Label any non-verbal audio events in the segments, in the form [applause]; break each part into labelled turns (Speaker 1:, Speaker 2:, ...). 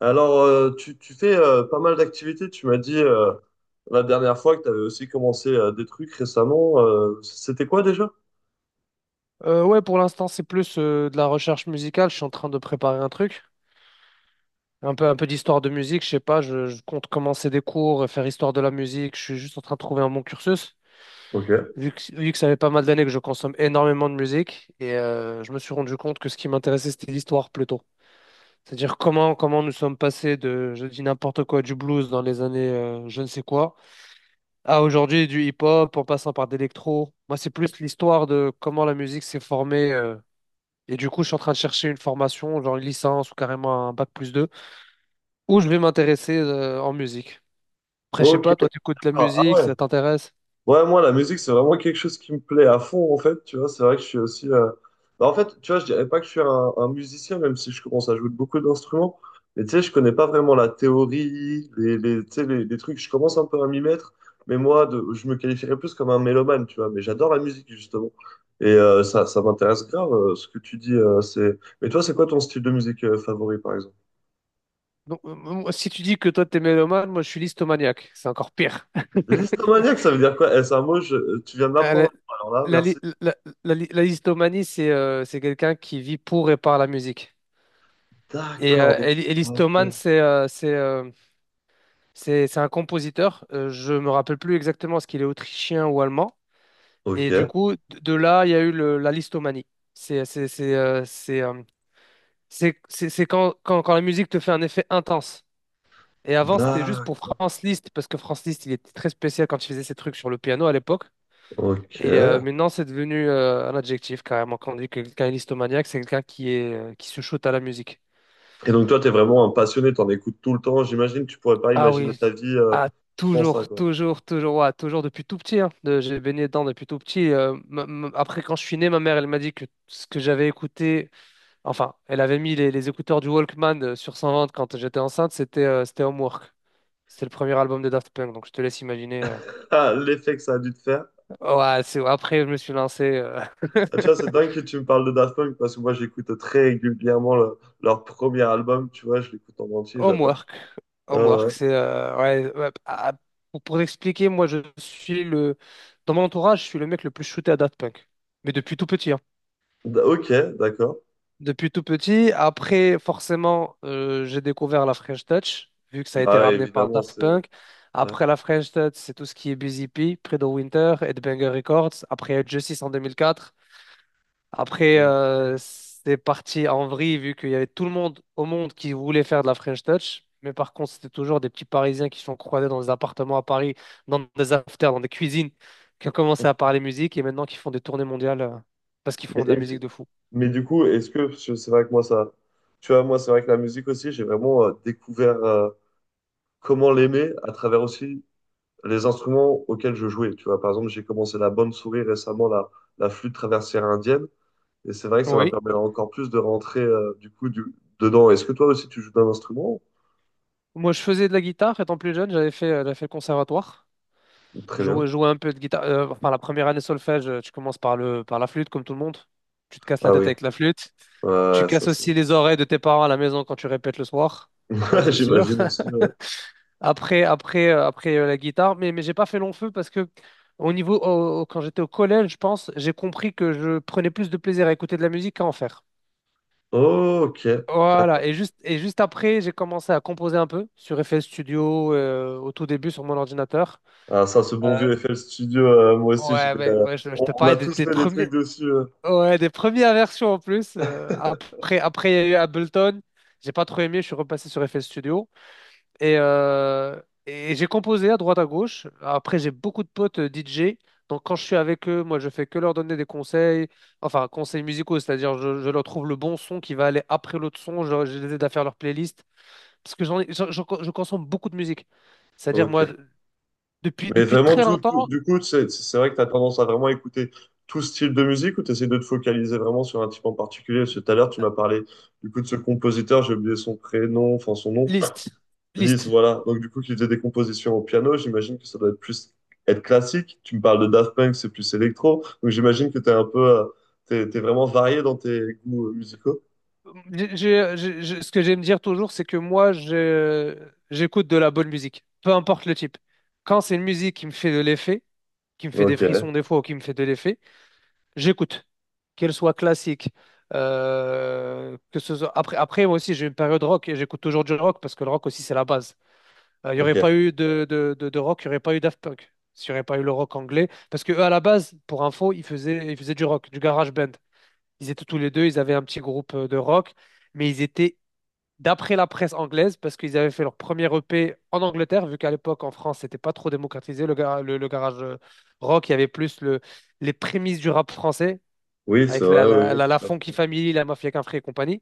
Speaker 1: Alors, tu fais pas mal d'activités. Tu m'as dit la dernière fois que tu avais aussi commencé des trucs récemment. C'était quoi déjà?
Speaker 2: Ouais, pour l'instant, c'est plus de la recherche musicale. Je suis en train de préparer un truc, un peu d'histoire de musique. Je sais pas, je compte commencer des cours, et faire histoire de la musique. Je suis juste en train de trouver un bon cursus,
Speaker 1: Ok.
Speaker 2: vu que ça fait pas mal d'années que je consomme énormément de musique. Et je me suis rendu compte que ce qui m'intéressait, c'était l'histoire plutôt. C'est-à-dire comment nous sommes passés de, je dis n'importe quoi, du blues dans les années je ne sais quoi, à aujourd'hui du hip-hop en passant par d'électro. Moi, c'est plus l'histoire de comment la musique s'est formée. Et du coup, je suis en train de chercher une formation, genre une licence ou carrément un bac plus 2, où je vais m'intéresser en musique. Après, je sais
Speaker 1: Ok.
Speaker 2: pas, toi, tu écoutes de la
Speaker 1: Ah, ah
Speaker 2: musique,
Speaker 1: ouais.
Speaker 2: ça t'intéresse?
Speaker 1: Ouais, moi, la musique, c'est vraiment quelque chose qui me plaît à fond, en fait. Tu vois, c'est vrai que je suis aussi. En fait, tu vois, je dirais pas que je suis un musicien, même si je commence à jouer de beaucoup d'instruments. Mais tu sais, je connais pas vraiment la théorie, tu sais, les trucs. Je commence un peu à m'y mettre. Mais moi, je me qualifierais plus comme un mélomane, tu vois. Mais j'adore la musique, justement. Et ça, ça m'intéresse grave, ce que tu dis. C'est... Mais toi, c'est quoi ton style de musique favori, par exemple?
Speaker 2: Donc, moi, si tu dis que toi, t'es mélomane, moi, je suis listomaniaque. C'est encore pire.
Speaker 1: L'histomaniaque, ça veut dire quoi? Eh, c'est un mot, tu viens de
Speaker 2: Euh,
Speaker 1: m'apprendre.
Speaker 2: la,
Speaker 1: Alors là,
Speaker 2: la
Speaker 1: merci.
Speaker 2: li- la- la listomanie, c'est quelqu'un qui vit pour et par la musique. Et
Speaker 1: D'accord, donc.
Speaker 2: Ellis Thomann,
Speaker 1: Ok.
Speaker 2: c'est un compositeur. Je me rappelle plus exactement ce qu'il est autrichien ou allemand. Et du
Speaker 1: Ok.
Speaker 2: coup, de là, il y a eu la listomanie. C'est c'est c'est euh, c'est euh, c'est quand la musique te fait un effet intense. Et avant, c'était juste pour
Speaker 1: D'accord.
Speaker 2: Franz Liszt parce que Franz Liszt, il était très spécial quand il faisait ses trucs sur le piano à l'époque.
Speaker 1: Ok.
Speaker 2: Et
Speaker 1: Et
Speaker 2: maintenant, c'est devenu un adjectif carrément. Quand on dit que quelqu'un est listomaniaque, c'est quelqu'un qui est qui se shoot à la musique.
Speaker 1: donc toi, t'es vraiment un passionné, t'en écoutes tout le temps. J'imagine que tu pourrais pas
Speaker 2: Ah
Speaker 1: imaginer
Speaker 2: oui,
Speaker 1: ta vie
Speaker 2: ah,
Speaker 1: sans ça,
Speaker 2: toujours,
Speaker 1: quoi. [laughs]
Speaker 2: toujours, toujours, ouais, toujours depuis tout petit. Hein. J'ai baigné dedans depuis tout petit. Après, quand je suis né, ma mère, elle m'a dit que ce que j'avais écouté, enfin, elle avait mis les écouteurs du Walkman sur 120 quand j'étais enceinte, c'était Homework. C'était le premier album de Daft Punk, donc je te laisse imaginer.
Speaker 1: Ah, l'effet que ça a dû te faire.
Speaker 2: Ouais, c'est après, je me suis lancé
Speaker 1: Ah, tu vois, c'est dingue que tu me parles de Daft Punk parce que moi, j'écoute très régulièrement leur premier album. Tu vois, je l'écoute en
Speaker 2: [laughs]
Speaker 1: entier, j'adore.
Speaker 2: Homework.
Speaker 1: Ah, ouais.
Speaker 2: Homework, c'est ouais, ouais, ah, ah, pour expliquer, moi, je suis le dans mon entourage, je suis le mec le plus shooté à Daft Punk, mais depuis tout petit. Hein.
Speaker 1: Ok, d'accord.
Speaker 2: Depuis tout petit. Après, forcément, j'ai découvert la French Touch, vu que ça a été
Speaker 1: Bah ouais,
Speaker 2: ramené par
Speaker 1: évidemment,
Speaker 2: Daft
Speaker 1: c'est.
Speaker 2: Punk.
Speaker 1: Ouais.
Speaker 2: Après la French Touch, c'est tout ce qui est Busy P, Predo Winter, Headbanger Records. Après, il y a eu Justice en 2004. Après,
Speaker 1: Mm.
Speaker 2: c'est parti en vrille vu qu'il y avait tout le monde au monde qui voulait faire de la French Touch. Mais par contre, c'était toujours des petits Parisiens qui se sont croisés dans des appartements à Paris, dans des afters, dans des cuisines, qui ont commencé à parler musique et maintenant qui font des tournées mondiales parce qu'ils
Speaker 1: Mais,
Speaker 2: font de la
Speaker 1: et-
Speaker 2: musique de fou.
Speaker 1: mais du coup, est-ce que parce que c'est vrai que moi ça, tu vois, moi c'est vrai que la musique aussi, j'ai vraiment découvert comment l'aimer à travers aussi les instruments auxquels je jouais. Tu vois, par exemple, j'ai commencé la bonne souris récemment, la flûte traversière indienne, et c'est vrai que ça m'a
Speaker 2: Oui.
Speaker 1: permis encore plus de rentrer dedans. Est-ce que toi aussi tu joues d'un instrument?
Speaker 2: Moi, je faisais de la guitare étant plus jeune, j'avais fait le conservatoire.
Speaker 1: Très
Speaker 2: Je
Speaker 1: bien.
Speaker 2: jouais un peu de guitare. Enfin, la première année solfège, tu commences par la flûte, comme tout le monde. Tu te casses la
Speaker 1: Ah
Speaker 2: tête
Speaker 1: oui,
Speaker 2: avec la flûte. Tu
Speaker 1: ouais, ça
Speaker 2: casses aussi
Speaker 1: c'est.
Speaker 2: les oreilles de tes parents à la maison quand tu répètes le soir. Ça,
Speaker 1: [laughs]
Speaker 2: c'est sûr.
Speaker 1: J'imagine
Speaker 2: [laughs]
Speaker 1: aussi. Ouais.
Speaker 2: Après, la guitare, mais j'ai pas fait long feu parce que au niveau, au- au- quand j'étais au collège, je pense, j'ai compris que je prenais plus de plaisir à écouter de la musique qu'à en faire.
Speaker 1: Oh, ok,
Speaker 2: Voilà,
Speaker 1: d'accord.
Speaker 2: et juste après, j'ai commencé à composer un peu sur FL Studio, au tout début sur mon ordinateur.
Speaker 1: Ah, ça, ce bon
Speaker 2: Euh,
Speaker 1: vieux FL Studio, moi aussi,
Speaker 2: ouais, mais moi, je te
Speaker 1: on a
Speaker 2: parlais des,
Speaker 1: tous
Speaker 2: des
Speaker 1: fait des trucs
Speaker 2: premiers,
Speaker 1: dessus.
Speaker 2: ouais, des premières versions en plus. Après, il y a eu Ableton. J'ai pas trop aimé, je suis repassé sur FL Studio. Et j'ai composé à droite à gauche. Après, j'ai beaucoup de potes DJ. Donc, quand je suis avec eux, moi, je fais que leur donner des conseils, enfin, conseils musicaux, c'est-à-dire, je leur trouve le bon son qui va aller après l'autre son. Je les aide à faire leur playlist. Parce que j'en, ai- j'en- j'en- je consomme beaucoup de musique. C'est-à-dire, moi,
Speaker 1: Ok.
Speaker 2: depuis,
Speaker 1: Mais
Speaker 2: depuis
Speaker 1: vraiment,
Speaker 2: très longtemps,
Speaker 1: du coup, c'est vrai que tu as tendance à vraiment écouter tout style de musique ou tu essaies de te focaliser vraiment sur un type en particulier? Parce que tout à l'heure, tu m'as parlé du coup de ce compositeur, j'ai oublié son prénom, enfin son nom,
Speaker 2: liste.
Speaker 1: Lise,
Speaker 2: Liste.
Speaker 1: voilà. Donc du coup, qui faisait des compositions au piano, j'imagine que ça doit être plus être classique. Tu me parles de Daft Punk, c'est plus électro. Donc j'imagine que tu es un peu, t'es vraiment varié dans tes goûts musicaux.
Speaker 2: Ce que j'aime dire toujours, c'est que moi, j'écoute de la bonne musique, peu importe le type. Quand c'est une musique qui me fait de l'effet, qui me fait des frissons
Speaker 1: Ok,
Speaker 2: des fois ou qui me fait de l'effet, j'écoute. Qu'elle soit classique, que ce soit. Après, après, moi aussi, j'ai une période rock et j'écoute toujours du rock parce que le rock aussi, c'est la base. Il n'y aurait
Speaker 1: ok.
Speaker 2: pas eu de rock, il n'y aurait pas eu Daft Punk, s'il n'y aurait pas eu le rock anglais. Parce que eux, à la base, pour info, ils faisaient du rock, du garage band. Ils étaient tous les deux, ils avaient un petit groupe de rock, mais ils étaient, d'après la presse anglaise, parce qu'ils avaient fait leur premier EP en Angleterre, vu qu'à l'époque en France, c'était pas trop démocratisé, le garage rock, il y avait plus les prémices du rap français,
Speaker 1: Oui, c'est
Speaker 2: avec la,
Speaker 1: vrai, oui,
Speaker 2: la,
Speaker 1: oui,
Speaker 2: la, la
Speaker 1: tout à
Speaker 2: Funky
Speaker 1: fait.
Speaker 2: Family, la Mafia Kinfry et compagnie,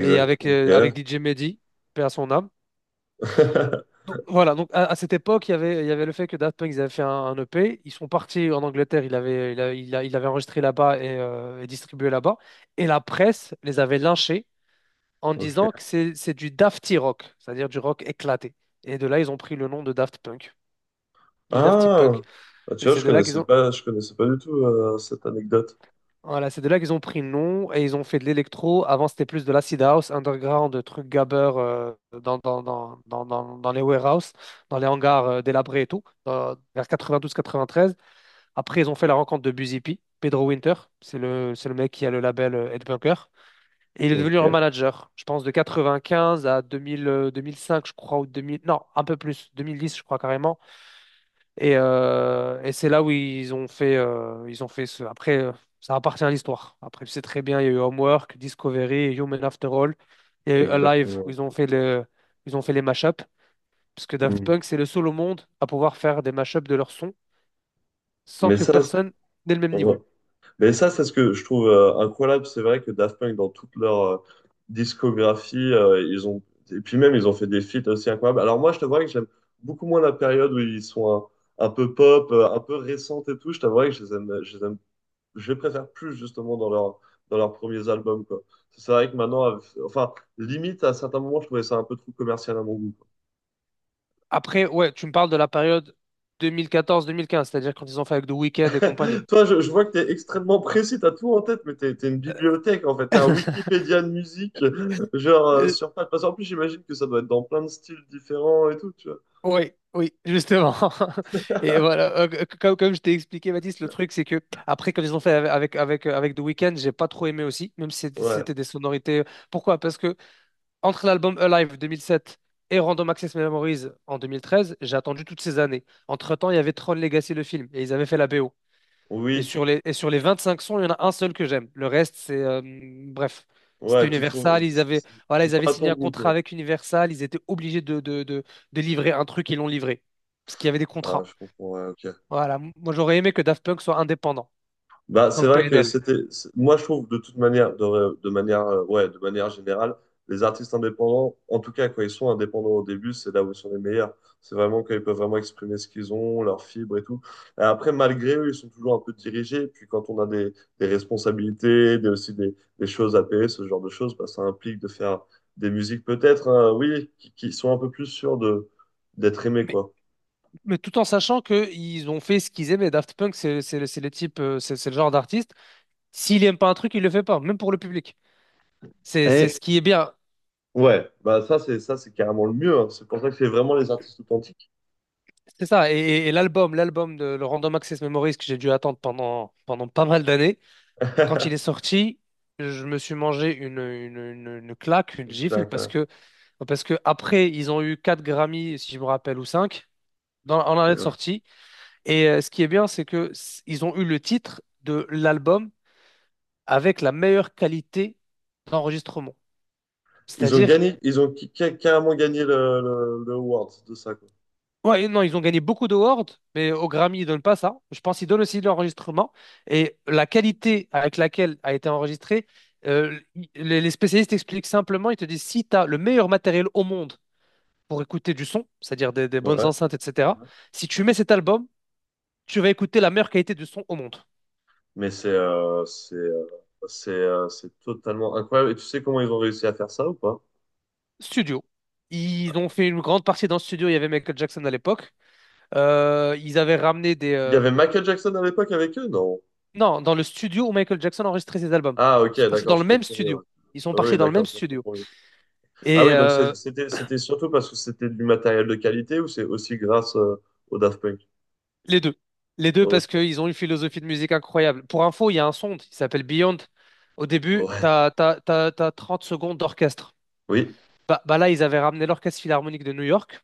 Speaker 2: et avec
Speaker 1: ok.
Speaker 2: DJ Mehdi, paix à son âme.
Speaker 1: [laughs]
Speaker 2: Donc, voilà, donc à cette époque, il y avait le fait que Daft Punk, ils avaient fait un EP, ils sont partis en Angleterre, il avait, il a- il a- il avait enregistré là-bas et distribué là-bas, et la presse les avait lynchés en
Speaker 1: Ok.
Speaker 2: disant que c'est du dafty rock, c'est-à-dire du rock éclaté. Et de là, ils ont pris le nom de Daft Punk, du Dafty Punk.
Speaker 1: Ah, bah,
Speaker 2: Et
Speaker 1: tu vois,
Speaker 2: c'est de là qu'ils ont,
Speaker 1: je connaissais pas du tout cette anecdote.
Speaker 2: voilà, c'est de là qu'ils ont pris le nom et ils ont fait de l'électro. Avant, c'était plus de l'acid house, underground, de trucs gabber dans les warehouses, dans les hangars délabrés et tout, vers 92-93. Après, ils ont fait la rencontre de Busy P, Pedro Winter. C'est le mec qui a le label Headbunker. Et il est
Speaker 1: Ok,
Speaker 2: devenu leur manager, je pense, de 95 à 2000, 2005, je crois, ou 2000, non, un peu plus, 2010, je crois carrément. Et c'est là où ils ont fait ce. Après, ça appartient à l'histoire. Après, tu sais très bien, il y a eu Homework, Discovery, Human After All, il y a eu Alive, où
Speaker 1: exactement.
Speaker 2: ils ont fait les mashups, parce que Daft
Speaker 1: Hmm.
Speaker 2: Punk, c'est le seul au monde à pouvoir faire des mashups de leurs sons sans
Speaker 1: Mais
Speaker 2: que
Speaker 1: ça, c'est-
Speaker 2: personne n'ait le même niveau.
Speaker 1: ouais. Mais ça, c'est ce que je trouve incroyable. C'est vrai que Daft Punk, dans toute leur discographie, ils ont et puis même ils ont fait des feats aussi incroyables. Alors moi, je t'avouerais que j'aime beaucoup moins la période où ils sont un peu pop, un peu récente et tout. Je t'avouerais que je les aime je les préfère plus justement dans leurs premiers albums quoi. C'est vrai que maintenant, enfin, limite à certains moments, je trouvais ça un peu trop commercial à mon goût. Quoi.
Speaker 2: Après, ouais, tu me parles de la période 2014-2015, c'est-à-dire quand ils ont fait avec The Weeknd et compagnie.
Speaker 1: Toi, je vois que t'es extrêmement précis, t'as tout en tête, mais t'es une bibliothèque en fait, t'es un
Speaker 2: [laughs]
Speaker 1: Wikipédia de musique, [laughs] genre
Speaker 2: Euh,
Speaker 1: sur pattes. Parce qu'en plus, j'imagine que ça doit être dans plein de styles différents et tout, tu vois.
Speaker 2: Oui, oui, justement. [laughs] Et voilà, comme je t'ai expliqué, Baptiste, le truc, c'est que après, quand ils ont fait avec The Weeknd, j'ai pas trop aimé aussi, même si c'était
Speaker 1: Ouais,
Speaker 2: c'était des sonorités. Pourquoi? Parce que entre l'album Alive 2007 et Random Access Memories en 2013, j'ai attendu toutes ces années. Entre-temps, il y avait Tron Legacy, le film, et ils avaient fait la BO. Et
Speaker 1: oui,
Speaker 2: sur les 25 sons, il y en a un seul que j'aime. Le reste, bref, c'était
Speaker 1: ouais, tu trouves,
Speaker 2: Universal. Ils avaient, voilà, ils
Speaker 1: c'est
Speaker 2: avaient
Speaker 1: pas à
Speaker 2: signé
Speaker 1: ton
Speaker 2: un
Speaker 1: goût,
Speaker 2: contrat
Speaker 1: quoi.
Speaker 2: avec Universal. Ils étaient obligés de livrer un truc. Ils l'ont livré. Parce qu'il y avait des
Speaker 1: Ah,
Speaker 2: contrats.
Speaker 1: je comprends, ouais, ok.
Speaker 2: Voilà. Moi, j'aurais aimé que Daft Punk soit indépendant,
Speaker 1: Bah, c'est
Speaker 2: comme
Speaker 1: vrai que
Speaker 2: PNL.
Speaker 1: moi je trouve de toute manière, de manière générale, les artistes indépendants, en tout cas quand ils sont indépendants au début, c'est là où ils sont les meilleurs. C'est vraiment quand ils peuvent vraiment exprimer ce qu'ils ont, leurs fibres et tout. Et après, malgré eux, ils sont toujours un peu dirigés. Et puis quand on a des responsabilités, des choses à payer, ce genre de choses, bah, ça implique de faire des musiques peut-être, hein, oui, qui sont un peu plus sûres de, d'être aimées,
Speaker 2: Mais
Speaker 1: quoi.
Speaker 2: Mais tout en sachant qu'ils ont fait ce qu'ils aimaient. Daft Punk, c'est les types, c'est le genre d'artiste. S'il aime pas un truc, il le fait pas, même pour le public. C'est
Speaker 1: Et
Speaker 2: ce qui est bien.
Speaker 1: ouais, ça c'est carrément le mieux. Hein. C'est pour ça que c'est vraiment les artistes authentiques
Speaker 2: C'est ça. Et l'album, l'album de le Random Access Memories que j'ai dû attendre pendant pas mal d'années, quand il est
Speaker 1: [laughs]
Speaker 2: sorti, je me suis mangé une claque, une gifle,
Speaker 1: Exact,
Speaker 2: parce
Speaker 1: ouais.
Speaker 2: que après, ils ont eu 4 Grammy, si je me rappelle, ou 5, en année de
Speaker 1: Euh,
Speaker 2: sortie. Et ce qui est bien, c'est que ils ont eu le titre de l'album avec la meilleure qualité d'enregistrement.
Speaker 1: ils ont
Speaker 2: C'est-à-dire,
Speaker 1: gagné, ils ont qui- carrément gagné le award de ça, quoi.
Speaker 2: ouais, non, ils ont gagné beaucoup d'awards, mais au Grammy, ils donnent pas ça. Je pense qu'ils donnent aussi de l'enregistrement. Et la qualité avec laquelle a été enregistré, les spécialistes expliquent simplement, ils te disent, si tu as le meilleur matériel au monde pour écouter du son, c'est-à-dire des bonnes
Speaker 1: Ouais.
Speaker 2: enceintes, etc., si tu mets cet album, tu vas écouter la meilleure qualité du son au monde.
Speaker 1: Mais c'est totalement incroyable. Et tu sais comment ils ont réussi à faire ça ou pas?
Speaker 2: Studio. Ils ont fait une grande partie dans le studio, il y avait Michael Jackson à l'époque. Ils avaient ramené
Speaker 1: Il y avait Michael Jackson à l'époque avec eux? Non.
Speaker 2: Non, dans le studio où Michael Jackson a enregistré ses albums.
Speaker 1: Ah, ok,
Speaker 2: Ils sont partis
Speaker 1: d'accord,
Speaker 2: dans le
Speaker 1: je
Speaker 2: même
Speaker 1: comprends. Mieux, ouais.
Speaker 2: studio. Ils sont
Speaker 1: Oui,
Speaker 2: partis dans le
Speaker 1: d'accord,
Speaker 2: même
Speaker 1: ça je
Speaker 2: studio.
Speaker 1: comprends. Mieux. Ah
Speaker 2: Et
Speaker 1: oui, c'était surtout parce que c'était du matériel de qualité ou c'est aussi grâce au Daft Punk?
Speaker 2: les deux. Les deux
Speaker 1: Ok.
Speaker 2: parce qu'ils ont une philosophie de musique incroyable. Pour info, il y a un son qui s'appelle Beyond. Au début,
Speaker 1: Ouais.
Speaker 2: t'as 30 secondes d'orchestre.
Speaker 1: Oui.
Speaker 2: Bah là, ils avaient ramené l'Orchestre Philharmonique de New York.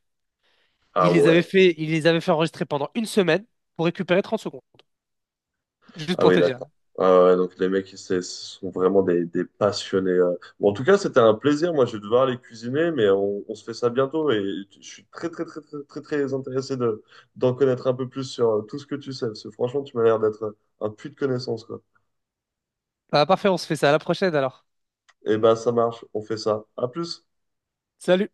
Speaker 1: Ah
Speaker 2: Ils les avaient
Speaker 1: ouais.
Speaker 2: fait, ils les avaient fait enregistrer pendant une semaine pour récupérer 30 secondes. Juste
Speaker 1: Ah
Speaker 2: pour
Speaker 1: oui,
Speaker 2: te dire.
Speaker 1: d'accord. Ah ouais, ouais, donc les mecs, c'est- ce sont vraiment des passionnés. Euh. Bon, en tout cas, c'était un plaisir. Moi, je vais devoir aller cuisiner, mais on se fait ça bientôt. Et je suis très, très, très, très, très, très intéressé de, d'en connaître un peu plus sur tout ce que tu sais. Parce que franchement, tu m'as l'air d'être un puits de connaissances, quoi.
Speaker 2: Ah, parfait, on se fait ça à la prochaine alors.
Speaker 1: Eh ben, ça marche. On fait ça. À plus.
Speaker 2: Salut!